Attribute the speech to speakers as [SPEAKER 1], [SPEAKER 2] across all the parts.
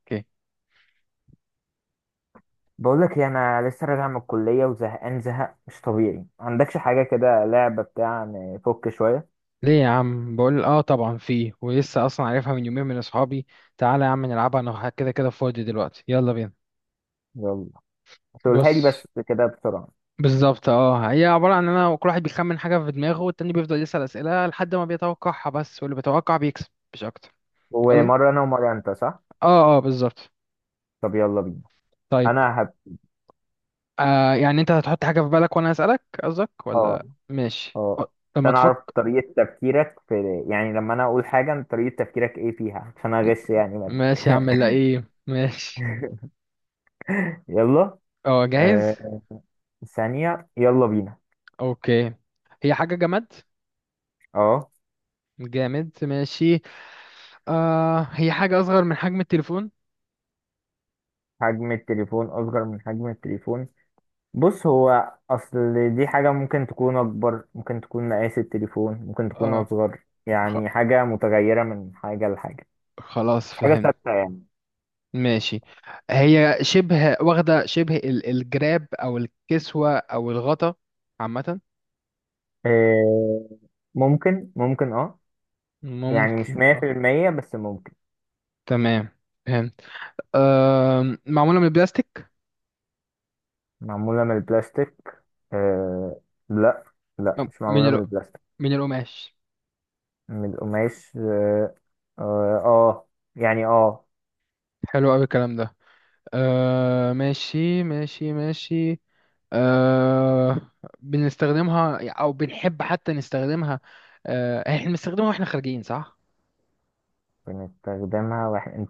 [SPEAKER 1] اوكي.
[SPEAKER 2] بقول لك ايه، انا لسه راجع من الكليه وزهقان زهق مش طبيعي. ما عندكش حاجه كده لعبه بتاع نفك شويه؟
[SPEAKER 1] ليه يا عم؟ بقول اه طبعا فيه، ولسه اصلا عارفها من يومين من اصحابي. تعالى يا عم نلعبها، انا كده كده فاضي دلوقتي، يلا بينا.
[SPEAKER 2] يلا، تقولها لي
[SPEAKER 1] بص،
[SPEAKER 2] بس كده بسرعه.
[SPEAKER 1] بالظبط اه، هي عبارة عن ان انا كل واحد بيخمن حاجة في دماغه والتاني بيفضل يسأل اسئلة لحد ما بيتوقعها، بس واللي بيتوقع بيكسب مش اكتر. يلا.
[SPEAKER 2] ومره انا ومره انت، صح؟
[SPEAKER 1] اه اه بالظبط.
[SPEAKER 2] طب يلا بينا.
[SPEAKER 1] طيب
[SPEAKER 2] انا هب.
[SPEAKER 1] يعني انت هتحط حاجة في بالك وانا اسألك قصدك،
[SPEAKER 2] اه،
[SPEAKER 1] ولا ماشي
[SPEAKER 2] اه،
[SPEAKER 1] لما
[SPEAKER 2] عشان اعرف
[SPEAKER 1] تفكر؟
[SPEAKER 2] طريقه تفكيرك في، يعني لما انا اقول حاجه انت طريقه تفكيرك ايه فيها، عشان اغش يعني منك.
[SPEAKER 1] ماشي يا عم، لا ايه، ماشي.
[SPEAKER 2] يلا.
[SPEAKER 1] اه، جاهز.
[SPEAKER 2] آه ثانيه، يلا بينا.
[SPEAKER 1] اوكي. هي حاجة جماد.
[SPEAKER 2] اه.
[SPEAKER 1] جامد، ماشي. هي حاجة أصغر من حجم التليفون.
[SPEAKER 2] حجم التليفون اصغر من حجم التليفون. بص، هو اصل دي حاجة ممكن تكون اكبر، ممكن تكون مقاس التليفون، ممكن تكون
[SPEAKER 1] اه.
[SPEAKER 2] اصغر،
[SPEAKER 1] خ...
[SPEAKER 2] يعني حاجة متغيرة من حاجة لحاجة.
[SPEAKER 1] خلاص
[SPEAKER 2] مش حاجة
[SPEAKER 1] فهمت.
[SPEAKER 2] ثابتة يعني.
[SPEAKER 1] ماشي. هي شبه واخدة شبه الجراب أو الكسوة أو الغطا عامة.
[SPEAKER 2] آه، ممكن، اه. يعني مش
[SPEAKER 1] ممكن
[SPEAKER 2] مية في
[SPEAKER 1] اه.
[SPEAKER 2] المية، بس ممكن.
[SPEAKER 1] تمام فهمت. معمولة من البلاستيك.
[SPEAKER 2] معمولة من البلاستيك؟ آه، لا، لا،
[SPEAKER 1] م-
[SPEAKER 2] مش
[SPEAKER 1] من
[SPEAKER 2] معمولة
[SPEAKER 1] ال...
[SPEAKER 2] من البلاستيك.
[SPEAKER 1] من القماش.
[SPEAKER 2] من القماش، اه. آه، آه، يعني اه.
[SPEAKER 1] حلو أوي الكلام ده. ماشي ماشي ماشي. آه. بنستخدمها او بنحب حتى نستخدمها. آه احنا بنستخدمها واحنا خارجين، صح؟
[SPEAKER 2] بنستخدمها واحنا، انت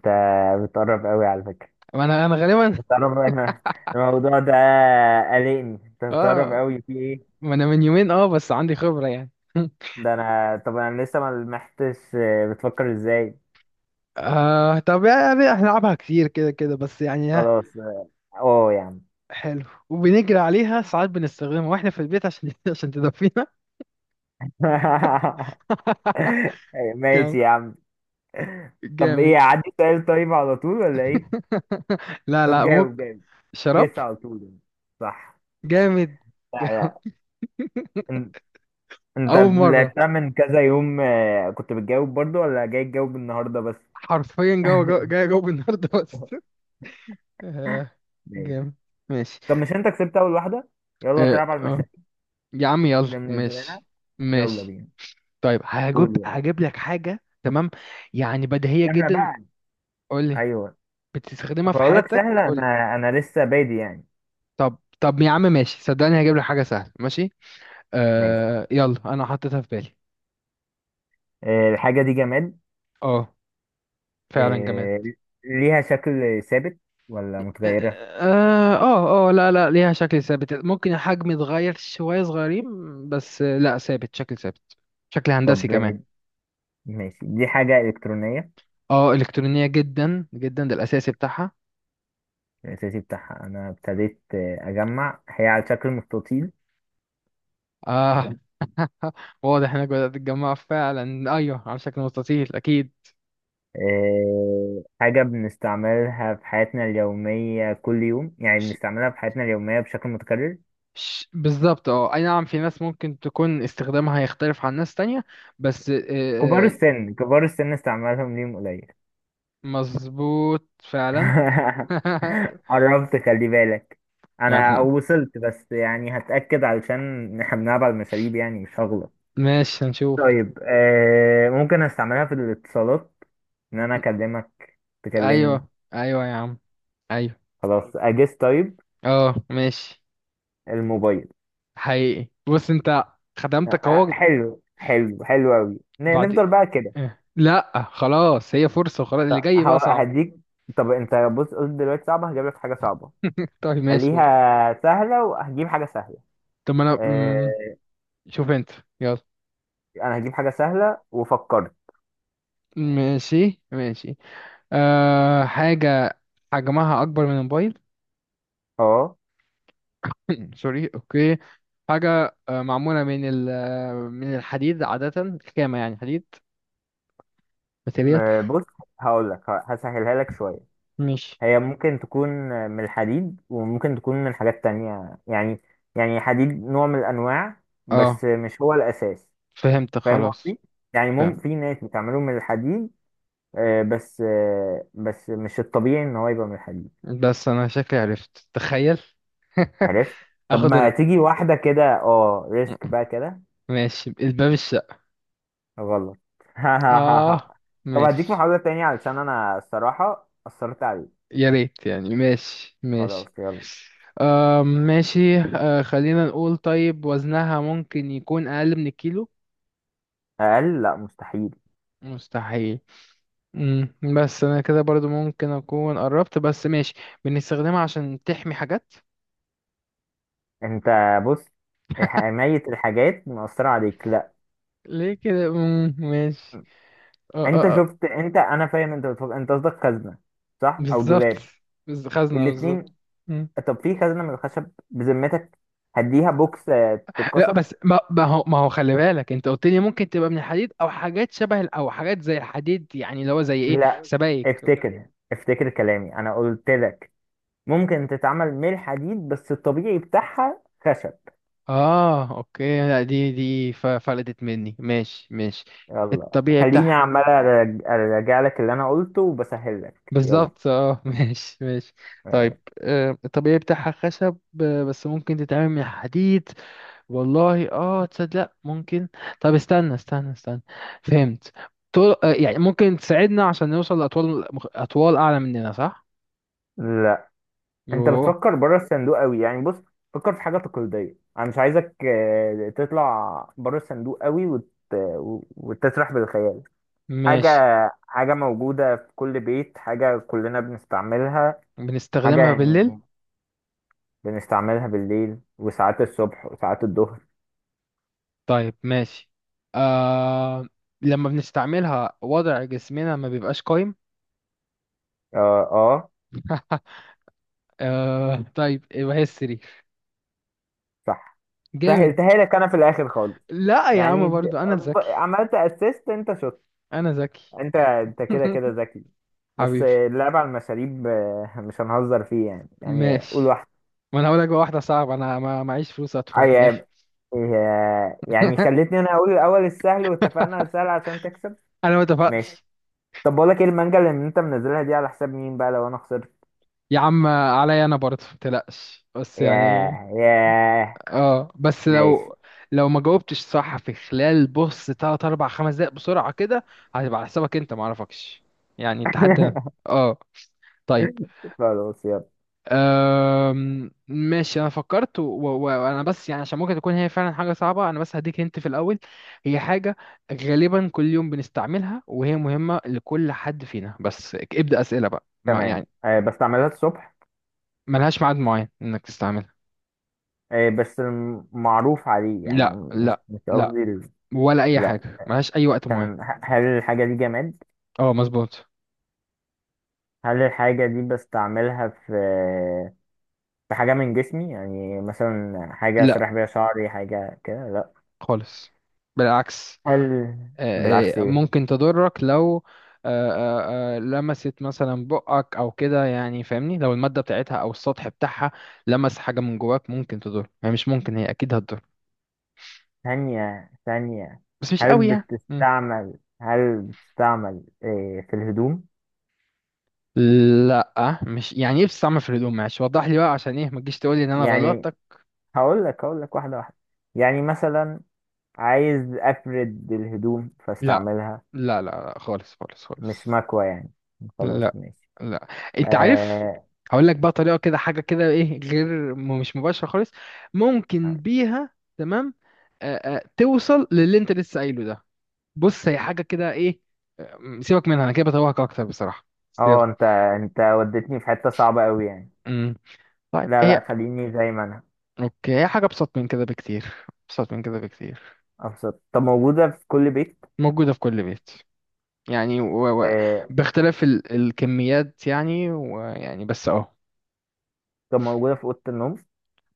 [SPEAKER 2] بتقرب قوي على فكرة.
[SPEAKER 1] ما انا غالبا.
[SPEAKER 2] بتعرف انا الموضوع ده قلقني، انت بتعرف
[SPEAKER 1] اه
[SPEAKER 2] قوي في ايه.
[SPEAKER 1] ما انا من يومين، بس عندي خبرة يعني.
[SPEAKER 2] ده انا طب انا لسه ما لمحتش، بتفكر ازاي.
[SPEAKER 1] طب يعني احنا نلعبها كتير كده كده، بس يعني ها.
[SPEAKER 2] خلاص اه. آه يا عم.
[SPEAKER 1] حلو، وبنجري عليها ساعات بنستخدمها واحنا في البيت عشان عشان تدفينا.
[SPEAKER 2] ماشي
[SPEAKER 1] جامد.
[SPEAKER 2] يا عم. طب ايه،
[SPEAKER 1] جامد.
[SPEAKER 2] عندي سؤال، طيب على طول ولا ايه؟
[SPEAKER 1] لا
[SPEAKER 2] طب
[SPEAKER 1] لا،
[SPEAKER 2] جاوب
[SPEAKER 1] ممكن.
[SPEAKER 2] جاوب.
[SPEAKER 1] شراب.
[SPEAKER 2] جس على طول يعني. صح؟
[SPEAKER 1] جامد.
[SPEAKER 2] لا،
[SPEAKER 1] جامد.
[SPEAKER 2] لا. ان- انت
[SPEAKER 1] اول مرة،
[SPEAKER 2] لعبتها من كذا يوم، كنت بتجاوب برضو ولا جاي تجاوب النهارده بس؟
[SPEAKER 1] حرفيا جوه جوه، جاي جوه النهارده بس. آه.
[SPEAKER 2] ماشي.
[SPEAKER 1] جامد، ماشي.
[SPEAKER 2] طب مش انت كسبت اول واحده؟ يلا
[SPEAKER 1] آه
[SPEAKER 2] تلعب على
[SPEAKER 1] آه.
[SPEAKER 2] المشاكل
[SPEAKER 1] يا عم يلا،
[SPEAKER 2] اللي منزلها،
[SPEAKER 1] ماشي.
[SPEAKER 2] يلا
[SPEAKER 1] ماشي.
[SPEAKER 2] بينا.
[SPEAKER 1] طيب هجيب
[SPEAKER 2] قول يلا.
[SPEAKER 1] هجيب لك حاجة، تمام. يعني بديهية
[SPEAKER 2] سهلة
[SPEAKER 1] جدا.
[SPEAKER 2] بقى.
[SPEAKER 1] قولي.
[SPEAKER 2] ايوه.
[SPEAKER 1] بتستخدمها في
[SPEAKER 2] اقول لك
[SPEAKER 1] حياتك،
[SPEAKER 2] سهلة،
[SPEAKER 1] قولي.
[SPEAKER 2] انا لسه بادي يعني.
[SPEAKER 1] طب يا عم ماشي، صدقني هجيب لك حاجة سهلة، ماشي.
[SPEAKER 2] ماشي.
[SPEAKER 1] آه يلا، أنا حطيتها في بالي.
[SPEAKER 2] الحاجة دي جماد؟
[SPEAKER 1] اه، فعلا جماد.
[SPEAKER 2] آه، ليها شكل ثابت ولا
[SPEAKER 1] اه
[SPEAKER 2] متغيرة؟
[SPEAKER 1] اه لا لا، ليها شكل ثابت، ممكن الحجم يتغير شوية صغيرين، بس لا ثابت، شكل ثابت، شكل هندسي
[SPEAKER 2] طب
[SPEAKER 1] كمان.
[SPEAKER 2] ماشي، دي حاجة إلكترونية.
[SPEAKER 1] اه، الكترونيه جدا جدا، ده الاساسي بتاعها.
[SPEAKER 2] الأساسي بتاعها أنا ابتديت أجمع. هي على شكل مستطيل.
[SPEAKER 1] اه واضح انك بدات تتجمع فعلا، ايوه على شكل مستطيل اكيد.
[SPEAKER 2] حاجة بنستعملها في حياتنا اليومية كل يوم، يعني
[SPEAKER 1] ش-
[SPEAKER 2] بنستعملها في حياتنا اليومية بشكل متكرر.
[SPEAKER 1] بالظبط اه، اي نعم في ناس ممكن تكون استخدامها هيختلف عن ناس تانية، بس
[SPEAKER 2] كبار السن، كبار السن استعمالهم ليهم قليل.
[SPEAKER 1] مظبوط فعلا.
[SPEAKER 2] قربت، خلي بالك.
[SPEAKER 1] ما
[SPEAKER 2] انا
[SPEAKER 1] إحنا-
[SPEAKER 2] وصلت، بس يعني هتأكد علشان احنا بنلعب على المشاريب، يعني مش هغلط.
[SPEAKER 1] ماشي هنشوف.
[SPEAKER 2] طيب، ممكن استعملها في الاتصالات، ان انا اكلمك تكلمني.
[SPEAKER 1] ايوه ايوه يا عم، ايوه.
[SPEAKER 2] خلاص، اجس طيب.
[SPEAKER 1] اه ماشي.
[SPEAKER 2] الموبايل.
[SPEAKER 1] حقيقي بص انت،
[SPEAKER 2] آه،
[SPEAKER 1] خدمتك
[SPEAKER 2] آه،
[SPEAKER 1] اهو.
[SPEAKER 2] حلو حلو حلو قوي،
[SPEAKER 1] بعد
[SPEAKER 2] نفضل
[SPEAKER 1] إيه؟
[SPEAKER 2] بقى كده.
[SPEAKER 1] لا خلاص، هي فرصة وخلاص، اللي
[SPEAKER 2] طب
[SPEAKER 1] جاي بقى صعب.
[SPEAKER 2] هديك. طب انت بص، قلت دلوقتي صعبة هجيب لك حاجة صعبة.
[SPEAKER 1] طيب ماشي.
[SPEAKER 2] خليها سهلة وهجيب حاجة سهلة.
[SPEAKER 1] طب ما انا
[SPEAKER 2] آه
[SPEAKER 1] شوف انت، يلا.
[SPEAKER 2] انا هجيب حاجة سهلة، وفكرت.
[SPEAKER 1] ماشي ماشي. أه، حاجة حجمها أكبر من الموبايل.
[SPEAKER 2] اه.
[SPEAKER 1] سوري، أوكي. حاجة معمولة من ال آه، من الحديد، عادة خامة يعني حديد، ماتيريال.
[SPEAKER 2] بص هقول لك، هسهلها لك شوية.
[SPEAKER 1] مش
[SPEAKER 2] هي ممكن تكون من الحديد، وممكن تكون من حاجات تانية يعني. يعني حديد نوع من الأنواع، بس
[SPEAKER 1] اه،
[SPEAKER 2] مش هو الأساس.
[SPEAKER 1] فهمت
[SPEAKER 2] فاهم
[SPEAKER 1] خلاص.
[SPEAKER 2] قصدي؟ يعني
[SPEAKER 1] فهم،
[SPEAKER 2] في ناس بتعمله من الحديد، بس مش الطبيعي إن هو يبقى من الحديد.
[SPEAKER 1] بس أنا شكلي عرفت تخيل.
[SPEAKER 2] عرفت؟ طب
[SPEAKER 1] اخد
[SPEAKER 2] ما
[SPEAKER 1] ال...
[SPEAKER 2] تيجي واحدة كده، اه، ريسك بقى كده.
[SPEAKER 1] ماشي، الباب، الشقة.
[SPEAKER 2] غلط.
[SPEAKER 1] اه
[SPEAKER 2] طب هديك
[SPEAKER 1] ماشي.
[SPEAKER 2] محاولة تانية، علشان أنا الصراحة أثرت عليك.
[SPEAKER 1] يا ريت يعني، ماشي
[SPEAKER 2] خلاص
[SPEAKER 1] ماشي.
[SPEAKER 2] يلا.
[SPEAKER 1] ماشي، خلينا نقول طيب وزنها ممكن يكون أقل من الكيلو.
[SPEAKER 2] أقل؟ لا، مستحيل.
[SPEAKER 1] مستحيل؟ بس أنا كده برضو ممكن أكون قربت، بس ماشي. بنستخدمها عشان تحمي حاجات.
[SPEAKER 2] انت بص، ميت الحاجات مأثرة عليك، لا.
[SPEAKER 1] ليه كده؟ ماشي. آه
[SPEAKER 2] انت
[SPEAKER 1] آه آه،
[SPEAKER 2] شفت؟ انت، انا فاهم انت بتفكر، انت قصدك خزنة، صح، او
[SPEAKER 1] بالظبط،
[SPEAKER 2] دولاب.
[SPEAKER 1] خزنة بالظبط.
[SPEAKER 2] الاتنين.
[SPEAKER 1] مم.
[SPEAKER 2] طب في خزنة من الخشب بذمتك؟ هديها بوكس
[SPEAKER 1] لا
[SPEAKER 2] تتكسر.
[SPEAKER 1] بس ما هو خلي بالك، انت قلت لي ممكن تبقى من الحديد او حاجات شبه او حاجات زي الحديد، يعني اللي هو زي ايه،
[SPEAKER 2] لا،
[SPEAKER 1] سبائك.
[SPEAKER 2] افتكر، افتكر كلامي، انا قلت لك ممكن تتعمل من الحديد، بس الطبيعي بتاعها خشب.
[SPEAKER 1] اه اوكي، لا دي فلتت مني، ماشي ماشي.
[SPEAKER 2] يلا،
[SPEAKER 1] الطبيعي
[SPEAKER 2] خليني
[SPEAKER 1] بتاعها،
[SPEAKER 2] عمال ارجع لك اللي انا قلته وبسهل لك.
[SPEAKER 1] بالظبط اه. ماشي ماشي.
[SPEAKER 2] يلا.
[SPEAKER 1] طيب الطبيعي بتاعها خشب بس ممكن تتعمل من حديد. والله اه، تصدق لا ممكن. طب استنى استنى استنى، فهمت. طول، يعني ممكن تساعدنا عشان نوصل لأطوال أطوال أعلى مننا، صح؟
[SPEAKER 2] انت
[SPEAKER 1] يوه.
[SPEAKER 2] بتفكر بره الصندوق قوي يعني. بص، فكر في حاجه تقليديه، انا مش عايزك تطلع بره الصندوق قوي وتسرح بالخيال. حاجه
[SPEAKER 1] ماشي.
[SPEAKER 2] حاجه موجوده في كل بيت، حاجه كلنا بنستعملها، حاجه
[SPEAKER 1] بنستخدمها بالليل.
[SPEAKER 2] يعني. بنستعملها بالليل وساعات الصبح وساعات الظهر.
[SPEAKER 1] طيب ماشي. آه. لما بنستعملها وضع جسمنا ما بيبقاش قايم.
[SPEAKER 2] اه، اه،
[SPEAKER 1] آه طيب، يبقى هي السرير.
[SPEAKER 2] صح.
[SPEAKER 1] جامد.
[SPEAKER 2] سهلتها لك انا في الاخر خالص.
[SPEAKER 1] لا يا
[SPEAKER 2] يعني
[SPEAKER 1] عم برضو انا ذكي.
[SPEAKER 2] عملت اسيست، انت شاطر.
[SPEAKER 1] انا ذكي.
[SPEAKER 2] انت كده كده ذكي. بس
[SPEAKER 1] حبيبي،
[SPEAKER 2] اللعب على المشاريب مش هنهزر فيه يعني قول
[SPEAKER 1] ماشي.
[SPEAKER 2] واحد.
[SPEAKER 1] ما انا هقول لك بقى واحده صعبه، انا ما معيش فلوس ادفع من الاخر.
[SPEAKER 2] عيب. إيه، يعني خليتني انا اقول الاول السهل، واتفقنا على السهل عشان تكسب.
[SPEAKER 1] انا ما
[SPEAKER 2] ماشي.
[SPEAKER 1] اتفقتش.
[SPEAKER 2] طب بقول لك ايه، المانجا اللي انت منزلها دي على حساب مين بقى لو انا خسرت؟
[SPEAKER 1] يا عم عليا انا برضو، ما تقلقش بس يعني.
[SPEAKER 2] ياه، ياه.
[SPEAKER 1] اه بس
[SPEAKER 2] ماشي.
[SPEAKER 1] لو لو ما جاوبتش صح في خلال بص تلات اربع خمس دقايق بسرعة كده، هتبقى على حسابك انت، معرفكش، يعني التحدي. اه. طيب.
[SPEAKER 2] خلاص يلا.
[SPEAKER 1] ماشي انا فكرت، وانا بس يعني عشان ممكن تكون هي فعلا حاجة صعبة، انا بس هديك هنت في الاول. هي حاجة غالبا كل يوم بنستعملها، وهي مهمة لكل حد فينا، بس ابدأ أسئلة بقى ما
[SPEAKER 2] تمام،
[SPEAKER 1] يعني.
[SPEAKER 2] بس اعملها الصبح،
[SPEAKER 1] ملهاش ميعاد معين انك تستعملها.
[SPEAKER 2] بس المعروف عليه يعني.
[SPEAKER 1] لا
[SPEAKER 2] مش
[SPEAKER 1] لا
[SPEAKER 2] مش
[SPEAKER 1] لا،
[SPEAKER 2] قصدي
[SPEAKER 1] ولا اي
[SPEAKER 2] لا.
[SPEAKER 1] حاجة، ملهاش اي وقت معين.
[SPEAKER 2] تمام، هل الحاجة دي جماد؟
[SPEAKER 1] اه مظبوط.
[SPEAKER 2] هل الحاجة دي بستعملها في حاجة من جسمي؟ يعني مثلا حاجة
[SPEAKER 1] لا
[SPEAKER 2] أسرح بيها شعري، حاجة كده؟ لأ.
[SPEAKER 1] خالص، بالعكس.
[SPEAKER 2] هل بالعكس إيه؟
[SPEAKER 1] ممكن تضرك لو لمست مثلا بقك او كده، يعني فاهمني، لو المادة بتاعتها او السطح بتاعها لمس حاجة من جواك ممكن تضر، يعني مش ممكن، هي اكيد هتضر
[SPEAKER 2] ثانية، ثانية.
[SPEAKER 1] بس مش
[SPEAKER 2] هل
[SPEAKER 1] قوي يعني. مم.
[SPEAKER 2] بتستعمل هل بتستعمل إيه في الهدوم؟
[SPEAKER 1] لا، مش يعني ايه بتستعمل في الهدوم، معلش وضح لي بقى، عشان ايه ما تجيش تقول لي ان انا
[SPEAKER 2] يعني
[SPEAKER 1] غلطتك.
[SPEAKER 2] هقول لك واحدة واحدة. يعني مثلا، عايز أفرد الهدوم
[SPEAKER 1] لا
[SPEAKER 2] فاستعملها.
[SPEAKER 1] لا لا لا، خالص خالص
[SPEAKER 2] مش
[SPEAKER 1] خالص.
[SPEAKER 2] مكوى يعني؟ خلاص
[SPEAKER 1] لا
[SPEAKER 2] ماشي.
[SPEAKER 1] لا، انت عارف.
[SPEAKER 2] آه،
[SPEAKER 1] هقول لك بقى طريقه كده، حاجه كده ايه غير مش مباشره خالص، ممكن بيها تمام آه آه توصل للي انت لسه قايله ده. بص هي حاجه كده ايه، سيبك منها، انا كده بتوهك اكتر بصراحه، بس
[SPEAKER 2] اه،
[SPEAKER 1] يلا.
[SPEAKER 2] انت وديتني في حتة صعبة قوي يعني.
[SPEAKER 1] امم طيب
[SPEAKER 2] لا، لا،
[SPEAKER 1] هي،
[SPEAKER 2] خليني زي ما انا.
[SPEAKER 1] اوكي هي حاجه ابسط من كده بكتير، ابسط من كده بكتير.
[SPEAKER 2] أبسط؟ طب موجودة في كل بيت.
[SPEAKER 1] موجوده في كل بيت، يعني
[SPEAKER 2] آه،
[SPEAKER 1] باختلاف الكميات يعني، ويعني بس اهو.
[SPEAKER 2] طب موجودة في أوضة النوم؟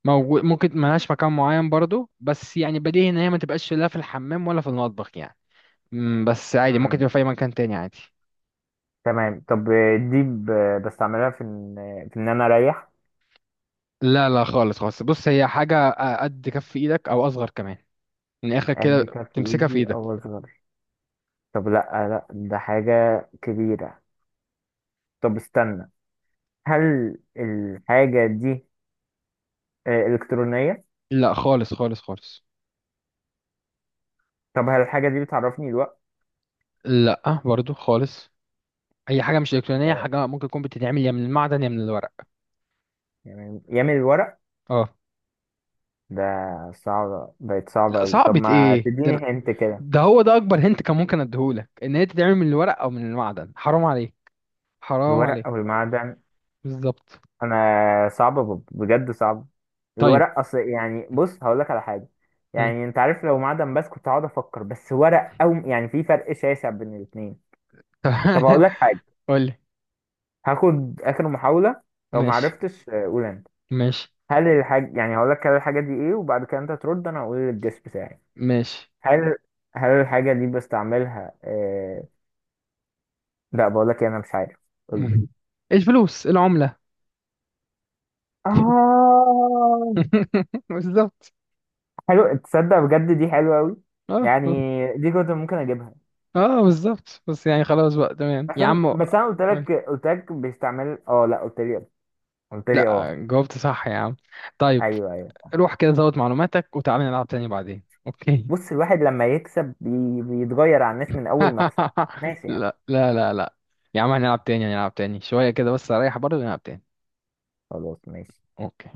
[SPEAKER 1] موجود، ممكن ملهاش مكان معين برضو، بس يعني بديهي ان هي ما تبقاش لا في الحمام ولا في المطبخ يعني. بس عادي ممكن تبقى
[SPEAKER 2] مم.
[SPEAKER 1] في اي مكان تاني عادي.
[SPEAKER 2] تمام، طب دي بستعملها في إن أنا أريح؟
[SPEAKER 1] لا لا خالص خالص، بص هي حاجة قد كف ايدك او اصغر كمان، من الاخر
[SPEAKER 2] قد
[SPEAKER 1] كده
[SPEAKER 2] كف
[SPEAKER 1] تمسكها في
[SPEAKER 2] إيدي
[SPEAKER 1] ايدك.
[SPEAKER 2] أو أصغر؟ طب لأ، لأ، ده حاجة كبيرة. طب استنى، هل الحاجة دي إلكترونية؟
[SPEAKER 1] لا خالص خالص خالص.
[SPEAKER 2] طب هل الحاجة دي بتعرفني الوقت؟
[SPEAKER 1] لا برضو خالص، هي حاجة مش الكترونية،
[SPEAKER 2] آه،
[SPEAKER 1] حاجة ممكن تكون بتتعمل يا من المعدن يا من الورق.
[SPEAKER 2] يعني يعمل الورق
[SPEAKER 1] اه.
[SPEAKER 2] ده؟ صعب، بقت صعبة
[SPEAKER 1] لا
[SPEAKER 2] أوي، طب
[SPEAKER 1] صعبة
[SPEAKER 2] ما
[SPEAKER 1] ايه ده،
[SPEAKER 2] تديني هنت كده.
[SPEAKER 1] ده هو ده اكبر هنت كان ممكن اديهولك، ان هي تتعمل من الورق او من المعدن، حرام عليه حرام
[SPEAKER 2] الورق
[SPEAKER 1] عليه.
[SPEAKER 2] أو المعدن؟
[SPEAKER 1] بالظبط.
[SPEAKER 2] انا صعبه، بجد صعب.
[SPEAKER 1] طيب.
[SPEAKER 2] الورق اصل، يعني بص هقول لك على حاجه، يعني انت عارف لو معدن بس كنت هقعد افكر، بس ورق او، يعني في فرق شاسع بين الاثنين. طب هقول لك حاجه،
[SPEAKER 1] قول لي.
[SPEAKER 2] هاخد اخر محاوله، لو ما
[SPEAKER 1] ماشي
[SPEAKER 2] عرفتش قول انت.
[SPEAKER 1] ماشي
[SPEAKER 2] هل الحاجه يعني هقول لك كده، الحاجه دي ايه، وبعد كده انت ترد، انا هقول الجس بتاعي.
[SPEAKER 1] ماشي.
[SPEAKER 2] هل هل الحاجه دي بستعملها لا بقول لك إيه، انا مش عارف. قول لي.
[SPEAKER 1] الفلوس، العملة.
[SPEAKER 2] اه.
[SPEAKER 1] بالظبط.
[SPEAKER 2] حلو، تصدق بجد دي حلوه قوي.
[SPEAKER 1] اه
[SPEAKER 2] يعني دي كنت ممكن اجيبها.
[SPEAKER 1] اه بالظبط، بس يعني خلاص بقى تمام يا
[SPEAKER 2] احنا
[SPEAKER 1] عم.
[SPEAKER 2] بس انا قلت
[SPEAKER 1] قول.
[SPEAKER 2] لك قلت لك بيستعمل، اه لا، قلت لي. قلت لي
[SPEAKER 1] لا
[SPEAKER 2] اه.
[SPEAKER 1] جاوبت صح يا عم. طيب،
[SPEAKER 2] ايوه، ايوه.
[SPEAKER 1] روح كده زود معلوماتك وتعالى نلعب تاني بعدين، اوكي.
[SPEAKER 2] بص، الواحد لما يكسب بيتغير على الناس من اول مكسب. ماشي يعني.
[SPEAKER 1] لا لا لا لا يا عم، هنلعب تاني هنلعب تاني شوية كده، بس اريح برضه ونلعب تاني.
[SPEAKER 2] خلاص ماشي.
[SPEAKER 1] اوكي.